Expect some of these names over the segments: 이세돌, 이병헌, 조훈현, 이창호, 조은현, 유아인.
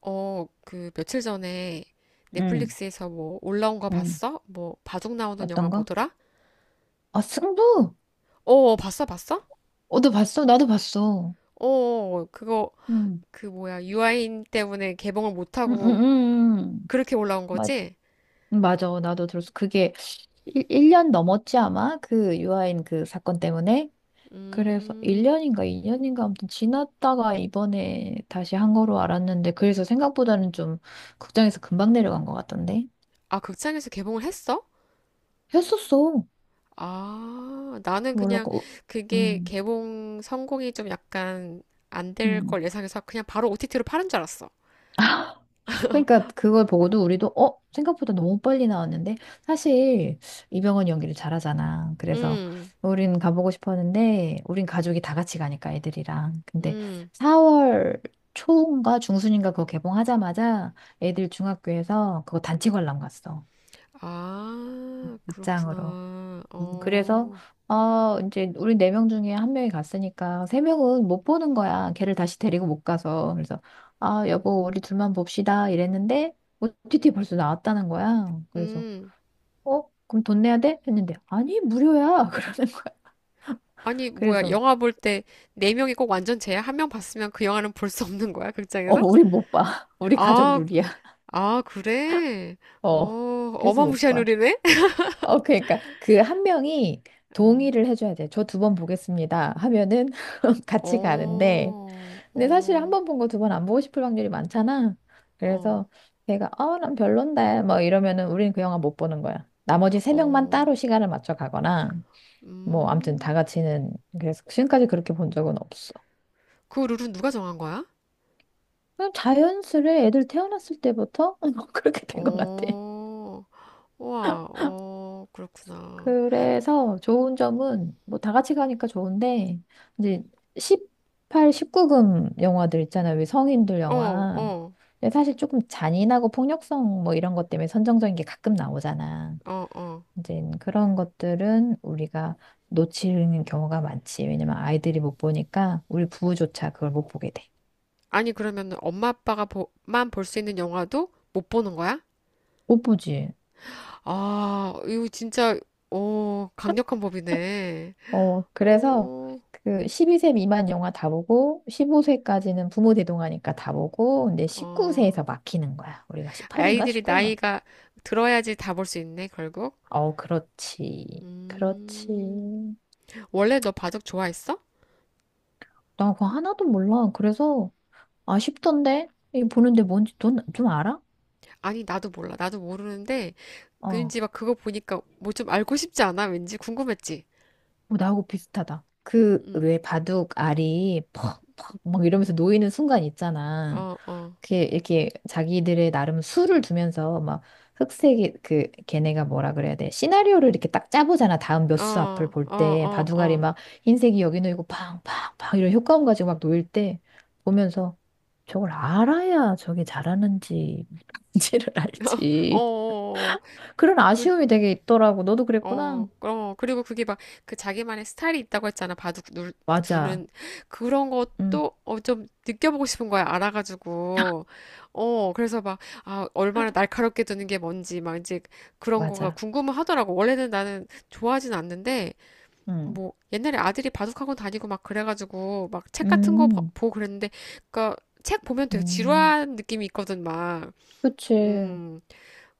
그 며칠 전에 응, 넷플릭스에서 뭐 올라온 거 응, 봤어? 뭐 바둑 나오는 영화 어떤 거? 뭐더라? 아, 승부! 봤어, 봤어? 어, 너 봤어? 나도 봤어. 그거 응. 그 뭐야, 유아인 때문에 개봉을 못 하고 응응응응. 그렇게 올라온 맞, 거지? 맞아. 나도 들었어. 그게 1년 넘었지, 아마? 그 유아인 그 사건 때문에? 그래서 음. 1년인가 2년인가 아무튼 지났다가 이번에 다시 한 거로 알았는데, 그래서 생각보다는 좀 극장에서 금방 내려간 것 같던데? 아, 극장에서 개봉을 했어? 했었어. 아, 나는 몰라. 그냥 고 그게 응 개봉 성공이 좀 약간 안될 응. 걸 예상해서 그냥 바로 OTT로 파는 줄 알았어. 그러니까 그걸 보고도 우리도 어? 생각보다 너무 빨리 나왔는데 사실 이병헌 연기를 잘하잖아. 그래서 음. 우린 가보고 싶었는데 우린 가족이 다 같이 가니까 애들이랑. 근데 음. 4월 초인가 중순인가 그거 개봉하자마자 애들 중학교에서 그거 단체 관람 갔어. 아, 극장으로. 그렇구나. 그래서 어. 이제 우리 네 명 중에 한 명이 갔으니까 세 명은 못 보는 거야. 걔를 다시 데리고 못 가서. 그래서 아, 여보, 우리 둘만 봅시다 이랬는데 OTT 벌써 나왔다는 거야. 그래서 음. 어? 그럼 돈 내야 돼? 했는데 아니, 무료야. 그러는 거야. 아니, 뭐야. 그래서 영화 볼 때 네명이꼭 완전 쟤야? 한 명 봤으면 그 영화는 볼 수 없는 거야, 어, 극장에서? 우리 못 봐. 우리 가족 아, 룰이야. 그래? 어. 어, 그래서 못 어마무시한 봐. 룰이네? 어, 그러니까 그 한 명이 어, 동의를 해줘야 돼. 저 두 번 보겠습니다. 하면은 같이 가는데 어, 근데 사실 한 어, 번 본 거 두 번 안 보고 싶을 확률이 많잖아. 어, 그래서 걔가 어, 난 별론데 뭐 이러면은 우리는 그 영화 못 보는 거야. 나머지 세 명만 어, 따로 시간을 맞춰 가거나 뭐 아무튼 다 음. 같이는 그래서 지금까지 그렇게 본 적은 없어. 그 룰은 누가 정한 거야? 그냥 자연스레 애들 태어났을 때부터 그렇게 된 것 같아. 어, 우와, 어, 그렇구나. 그래서 좋은 점은 뭐 다 같이 가니까 좋은데 이제 음. 18, 19금 영화들 있잖아요. 왜 성인들 어, 영화. 어, 근데 사실 조금 잔인하고 폭력성 뭐 이런 것 때문에 선정적인 게 가끔 나오잖아. 어. 이제 그런 것들은 우리가 놓치는 경우가 많지. 왜냐면 아이들이 못 보니까 우리 부부조차 그걸 못 보게 돼. 아니, 그러면 엄마 아빠가 보, 만볼 수 있는 영화도 못 보는 거야? 못 보지. 아, 이거 진짜, 오, 강력한 법이네. 어, 그래서 어, 그 12세 미만 영화 다 보고 15세까지는 부모 대동하니까 다 보고 근데 어. 19세에서 막히는 거야. 우리가 18인가 아이들이 19인가? 나이가 들어야지 다 볼 수 있네, 결국. 어, 그렇지. 음. 그렇지. 원래 너 바둑 좋아했어? 나 그거 하나도 몰라. 그래서 아쉽던데? 이 보는데 뭔지 넌 좀 알아? 아니, 나도 몰라. 어. 왠지 막 그거 보니까 뭐 좀 알고 싶지 않아? 왠지 궁금했지? 어, 나하고 비슷하다. 그, 음. 왜 바둑 알이 퍽, 퍽, 막 이러면서 놓이는 순간 있잖아. 어, 어, 그게 이렇게 자기들의 나름 수를 두면서 막 흑색이, 그, 걔네가 뭐라 그래야 돼. 시나리오를 이렇게 딱 짜보잖아. 다음 몇 수 앞을 어, 볼 어, 때. 어, 바둑 어, 알이 어, 막 흰색이 여기 놓이고 팡, 팡, 팡 이런 효과음 가지고 막 놓일 때 보면서 저걸 알아야 저게 잘하는지, 뭔지를 어, 알지. 어. 그런 아쉬움이 되게 있더라고. 너도 그랬구나. 어, 어, 그리고 그게 막 그 자기만의 스타일이 있다고 했잖아. 맞아. 두는 그런 응, 것도 어, 좀 느껴보고 싶은 거야. 알아가지고. 어, 그래서 막, 아, 얼마나 날카롭게 두는 게 뭔지 막 이제 그런 거가 맞아. 궁금하더라고. 원래는 나는 좋아하진 않는데, 응. 뭐 옛날에 아들이 바둑학원 다니고 막 그래가지고 막 책 같은 거 보- 음, 보고 그랬는데 그니까 책 보면 되게 음, 지루한 느낌이 있거든, 막. 그치. 음.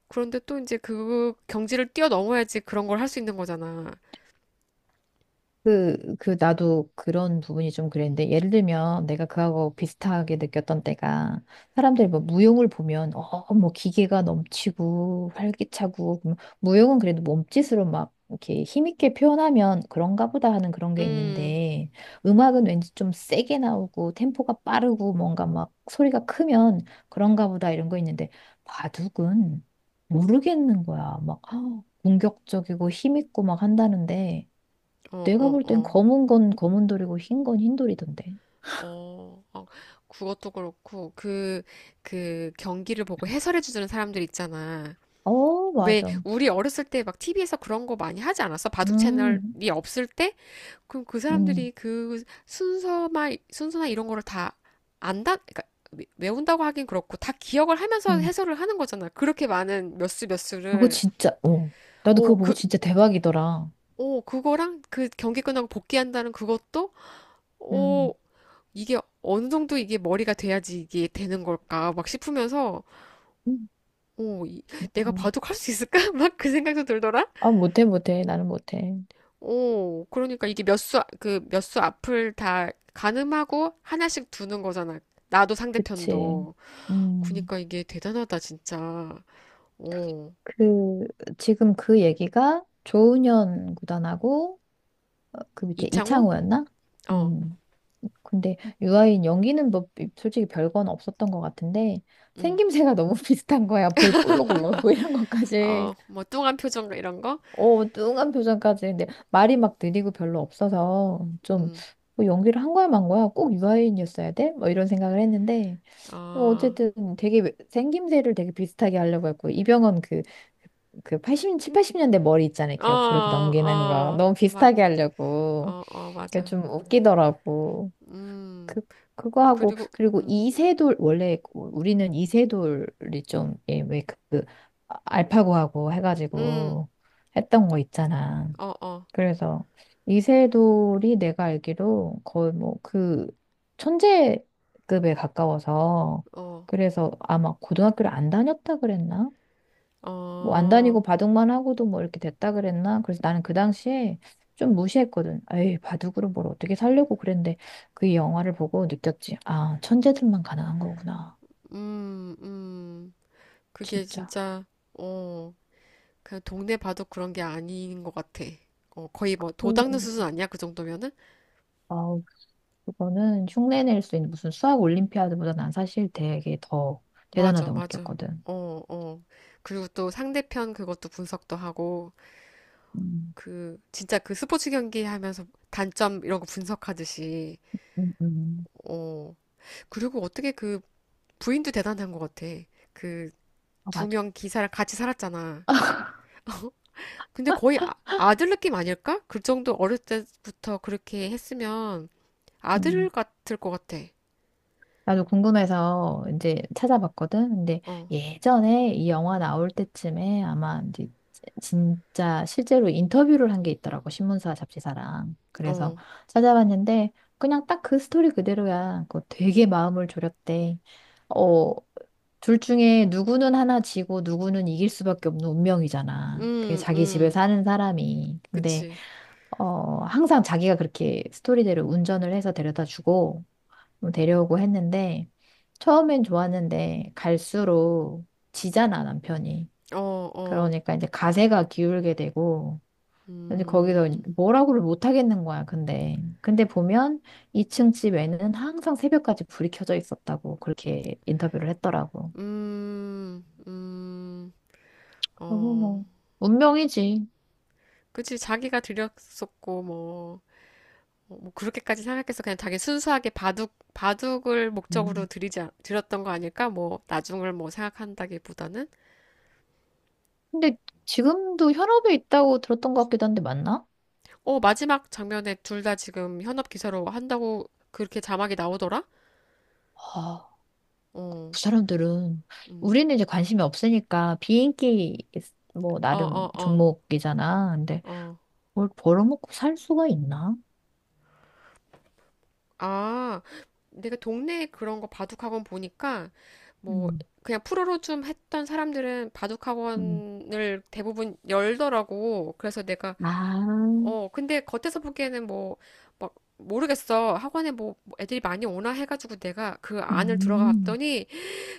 그런데 또 이제 그 경지를 뛰어넘어야지 그런 걸 할 수 있는 거잖아. 그, 그, 나도 그런 부분이 좀 그랬는데, 예를 들면 내가 그하고 비슷하게 느꼈던 때가, 사람들이 뭐 무용을 보면, 어, 뭐 기계가 넘치고, 활기차고, 그럼 무용은 그래도 몸짓으로 막 이렇게 힘있게 표현하면 그런가 보다 하는 그런 게 음, 있는데, 음악은 왠지 좀 세게 나오고, 템포가 빠르고, 뭔가 막 소리가 크면 그런가 보다 이런 거 있는데, 바둑은 모르겠는 거야. 막, 아, 공격적이고 힘있고 막 한다는데, 어, 내가 어, 볼 땐 어, 검은 건 검은 돌이고 흰 건 흰 돌이던데. 어, 그것도 그렇고, 그, 그 경기를 보고 해설해주는 사람들 있잖아. 어, 왜, 맞아. 우리 어렸을 때 막 TV에서 그런 거 많이 하지 않았어? 바둑 음, 채널이 없을 때? 그럼 그 음, 사람들이 그 순서나 이런 거를 다 안다? 그러니까 외운다고 하긴 그렇고, 다 기억을 하면서 음. 해설을 하는 거잖아. 그렇게 많은 몇 수 몇 그거 수를. 진짜, 어. 나도 오, 그거 보고 그, 진짜 대박이더라. 오, 그거랑 그 경기 끝나고 복귀한다는 그것도? 어, 음, 이게 어느 정도 이게 머리가 돼야지 이게 되는 걸까 막 싶으면서 음, 오... 이- 내가 대박. 바둑 할 수 있을까? 막 그 생각도 들더라. 아, 못해, 못해. 나는 못해. 오... 그러니까 이게 그 몇 수 앞을 다 가늠하고 하나씩 두는 거잖아. 나도 그치. 상대편도. 음, 그러니까 이게 대단하다 진짜. 오... 그, 지금 그 얘기가 조은현 구단하고, 어, 그 밑에 이창호? 이창호였나? 어. 음. 근데 유아인 연기는 뭐 솔직히 별건 없었던 것 같은데 음. 생김새가 너무 비슷한 거야. 볼 볼록 올라오고 이런 것까지. 어, 뭐 뚱한 표정 이런 거? 어, 뚱한 표정까지. 근데 말이 막 느리고 별로 없어서 음. 좀뭐 연기를 한 거야 만 거야. 꼭 유아인이었어야 돼? 뭐 이런 생각을 했는데 뭐 어, 어쨌든 되게 생김새를 되게 비슷하게 하려고 했고 이병헌 그 칠 80년대 머리 있잖아요. 어, 이렇게 옆으로 이렇게 넘기는 거 어, 너무 맞, 비슷하게 하려고. 어, 어, 그게 맞아. 좀 웃기더라고. 음. 그, 그거 하고, 그리고, 그리고 음, 이세돌, 원래 우리는 이세돌이 좀, 예, 왜 그, 알파고하고 음. 해가지고 했던 거 있잖아. 어, 어, 그래서 이세돌이 내가 알기로 거의 뭐 그 천재급에 가까워서, 어, 그래서 아마 고등학교를 안 다녔다 그랬나? 뭐 안 어, 다니고 바둑만 하고도 뭐 이렇게 됐다 그랬나? 그래서 나는 그 당시에 좀 무시했거든. 에이, 바둑으로 뭘 어떻게 살려고 그랬는데 그 영화를 보고 느꼈지. 아, 천재들만 가능한 거구나. 음, 음. 그게 진짜. 진짜, 어, 그냥 동네 봐도 그런 게 아닌 것 같아. 어, 거의 뭐, 도 닦는 수준 음. 아니야? 그 정도면은? 아우, 그거는 흉내낼 수 있는 무슨 수학 올림피아드보다 난 사실 되게 더 맞아, 대단하다고 맞아. 느꼈거든. 어, 어. 그리고 또 상대편 그것도 분석도 하고, 음, 그, 진짜 그 스포츠 경기 하면서 단점 이런 거 분석하듯이, 음, 음. 어. 그리고 어떻게 그 부인도 대단한 것 같아. 그, 어, 두 맞아. 명 기사랑 같이 살았잖아. 근데 거의 아, 아들 느낌 아닐까? 그 정도 어릴 때부터 그렇게 했으면 아들 음. 같을 것 같아. 나도 궁금해서 이제 찾아봤거든. 근데 어, 예전에 이 영화 나올 때쯤에 아마 이제 진짜 실제로 인터뷰를 한 게 있더라고. 신문사 잡지사랑. 그래서 어, 찾아봤는데 그냥 딱 그 스토리 그대로야. 그거 되게 마음을 졸였대. 어, 둘 중에 누구는 하나 지고 누구는 이길 수밖에 없는 운명이잖아. 그게 음, 자기 집에 음, 사는 사람이. 근데 그치. 어, 항상 자기가 그렇게 스토리대로 운전을 해서 데려다 주고, 뭐 데려오고 했는데 처음엔 좋았는데 갈수록 지잖아 남편이. 어, 어, 그러니까 이제 가세가 기울게 되고 이제 거기서 음, 뭐라고를 못 하겠는 거야. 근데 보면 2층 집에는 항상 새벽까지 불이 켜져 있었다고 그렇게 인터뷰를 했더라고. 음, 음, 너무 어. 뭐 운명이지. 그치, 자기가 드렸었고, 뭐, 어, 뭐, 그렇게까지 생각해서 그냥 자기 순수하게 바둑, 바둑을 목적으로 음. 드리지, 않- 드렸던 거 아닐까? 뭐, 나중을 뭐 생각한다기보다는. 근데 지금도 현업에 있다고 들었던 것 같기도 한데 맞나? 어, 마지막 장면에 둘 다 지금 현업 기사로 한다고 그렇게 자막이 나오더라? 아, 어, 그 사람들은 음. 우리는 이제 관심이 없으니까 비인기 뭐 어, 나름 어, 어, 종목이잖아. 근데 어. 뭘 벌어먹고 살 수가 있나? 아, 내가 동네에 그런 거 바둑학원 보니까 뭐, 음, 그냥 프로로 좀 했던 사람들은 음. 바둑학원을 대부분 열더라고. 그래서 내가 아, 어, 근데 겉에서 보기에는 뭐 막 모르겠어. 학원에 뭐뭐 애들이 많이 오나 해가지고 내가 그 안을 들어가 음, 봤더니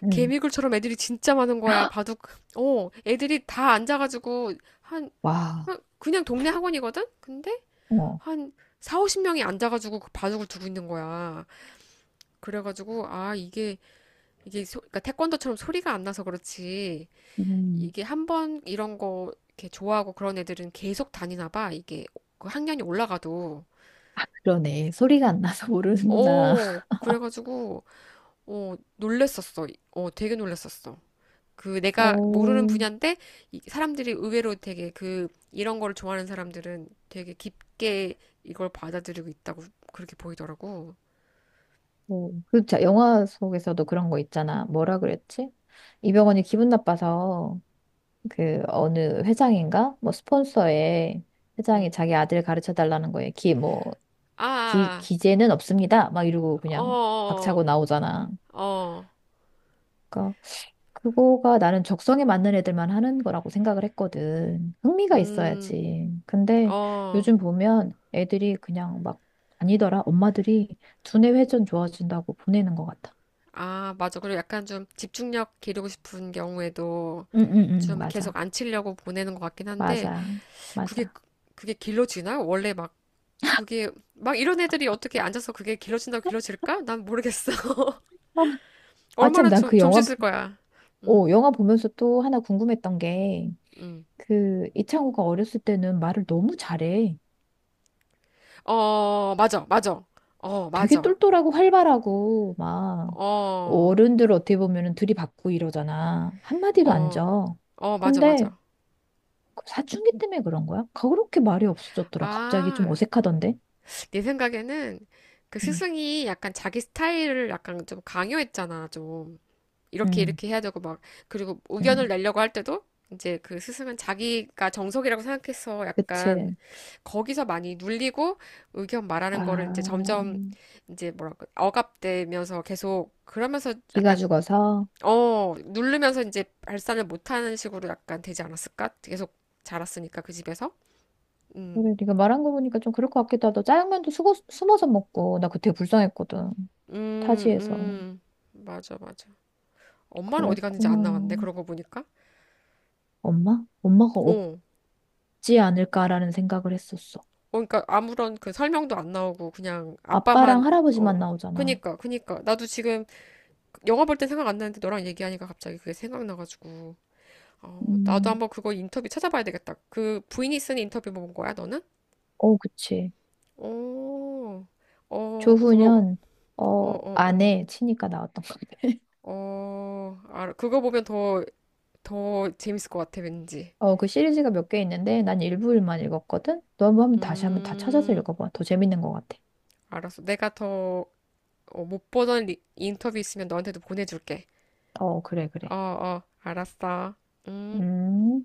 음, 개미굴처럼 애들이 진짜 많은 거야. 바둑. 어, 애들이 다 앉아가지고 한 와, 그냥 동네 학원이거든. 근데 어, 한 4, 50명이 앉아가지고 그 바둑을 두고 있는 거야. 그래가지고 아, 이게 그러니까 태권도처럼 소리가 안 나서 그렇지. 음. 이게 한 번 이런 거 이렇게 좋아하고 그런 애들은 계속 다니나 봐. 이게 그 학년이 올라가도. 그러네. 소리가 안 나서 모르는구나. 어, 그래가지고 어 놀랬었어. 어, 되게 놀랬었어. 그 내가 모르는 어, 분야인데 이 사람들이 의외로 되게 그 이런 거를 좋아하는 사람들은 되게 깊게 이걸 받아들이고 있다고 그렇게 보이더라고. 어, 그 영화 속에서도 그런 거 있잖아. 뭐라 그랬지? 이병헌이 기분 나빠서 그 어느 회장인가? 뭐 스폰서에 회장이 응. 자기 아들 가르쳐 달라는 거에 기뭐 아, 기, 아, 기재는 없습니다. 막 이러고 아. 그냥 박차고 나오잖아. 어. 그러니까 그거가 나는 적성에 맞는 애들만 하는 거라고 생각을 했거든. 흥미가 음, 있어야지. 근데 어, 요즘 보면 애들이 그냥 막 아니더라. 엄마들이 두뇌 회전 좋아진다고 보내는 것 같아. 아, 맞아. 그리고 약간 좀 집중력 기르고 싶은 경우에도 응응응 좀 계속 맞아. 안 치려고 보내는 것 같긴 한데 맞아. 그게 맞아. 그게 길러지나? 원래 막 그게 막 이런 애들이 어떻게 앉아서 그게 길러진다고 길러질까? 난 모르겠어. 아, 참, 얼마나 난 좀, 그 좀 영화, 씻을 거야. 음, 영화 보면서 또 하나 궁금했던 게, 음. 그, 이창호가 어렸을 때는 말을 너무 잘해. 어, 맞아, 맞아. 어, 되게 맞아. 똘똘하고 활발하고 막 어, 어른들 어떻게 보면은 들이받고 이러잖아. 한마디도 안 어, 져. 맞아, 근데 맞아. 그 사춘기 때문에 그런 거야? 그렇게 말이 없어졌더라. 갑자기 아, 좀 어색하던데. 내 생각에는 그 음, 스승이 약간 자기 스타일을 약간 좀 강요했잖아, 좀. 이렇게, 음, 이렇게 해야 되고, 막. 그리고 의견을 음. 내려고 할 때도 이제 그 스승은 자기가 정석이라고 생각해서 약간 그치. 거기서 많이 눌리고 의견 아, 말하는 거를 이제 점점 이제 뭐랄까, 억압되면서 계속 그러면서 이가 약간 죽어서. 어, 누르면서 이제 발산을 못하는 식으로 약간 되지 않았을까? 계속 자랐으니까 그 집에서. 음, 그래, 네가 말한 거 보니까 좀 그럴 것 같기도 하다. 짜장면도 숨어서 먹고 나 그때 불쌍했거든. 음, 타지에서. 음. 맞아, 맞아. 엄마는 어디 갔는지 안 그랬구나. 나왔네. 그러고 보니까. 엄마? 엄마가 어, 어, 없지 않을까라는 생각을 했었어. 그러니까 아무런 그 설명도 안 나오고 그냥 아빠만 아빠랑 어, 할아버지만 나오잖아. 그니까. 나도 지금 영화 볼 때 생각 안 나는데 너랑 얘기하니까 갑자기 그게 생각나가지고. 어, 나도 음, 한번 그거 인터뷰 찾아봐야 되겠다. 그 부인이 쓴 인터뷰 뭐 본 거야, 너는? 어, 그치. 어, 어, 그거, 조훈현, 어, 어, 어, 어. 아내 치니까 나왔던 것 같아. 어, 알아. 그거 보면 더, 더 재밌을 것 같아, 왠지. 어, 그 시리즈가 몇 개 있는데 난 일부일만 읽었거든? 너 한번 다시 한번 다 찾아서 음, 읽어봐. 더 재밌는 것 같아. 알았어. 내가 더, 어, 못 보던 리- 인터뷰 있으면 너한테도 보내줄게. 어, 그래, 어, 그래. 어, 알았어. 음. 음.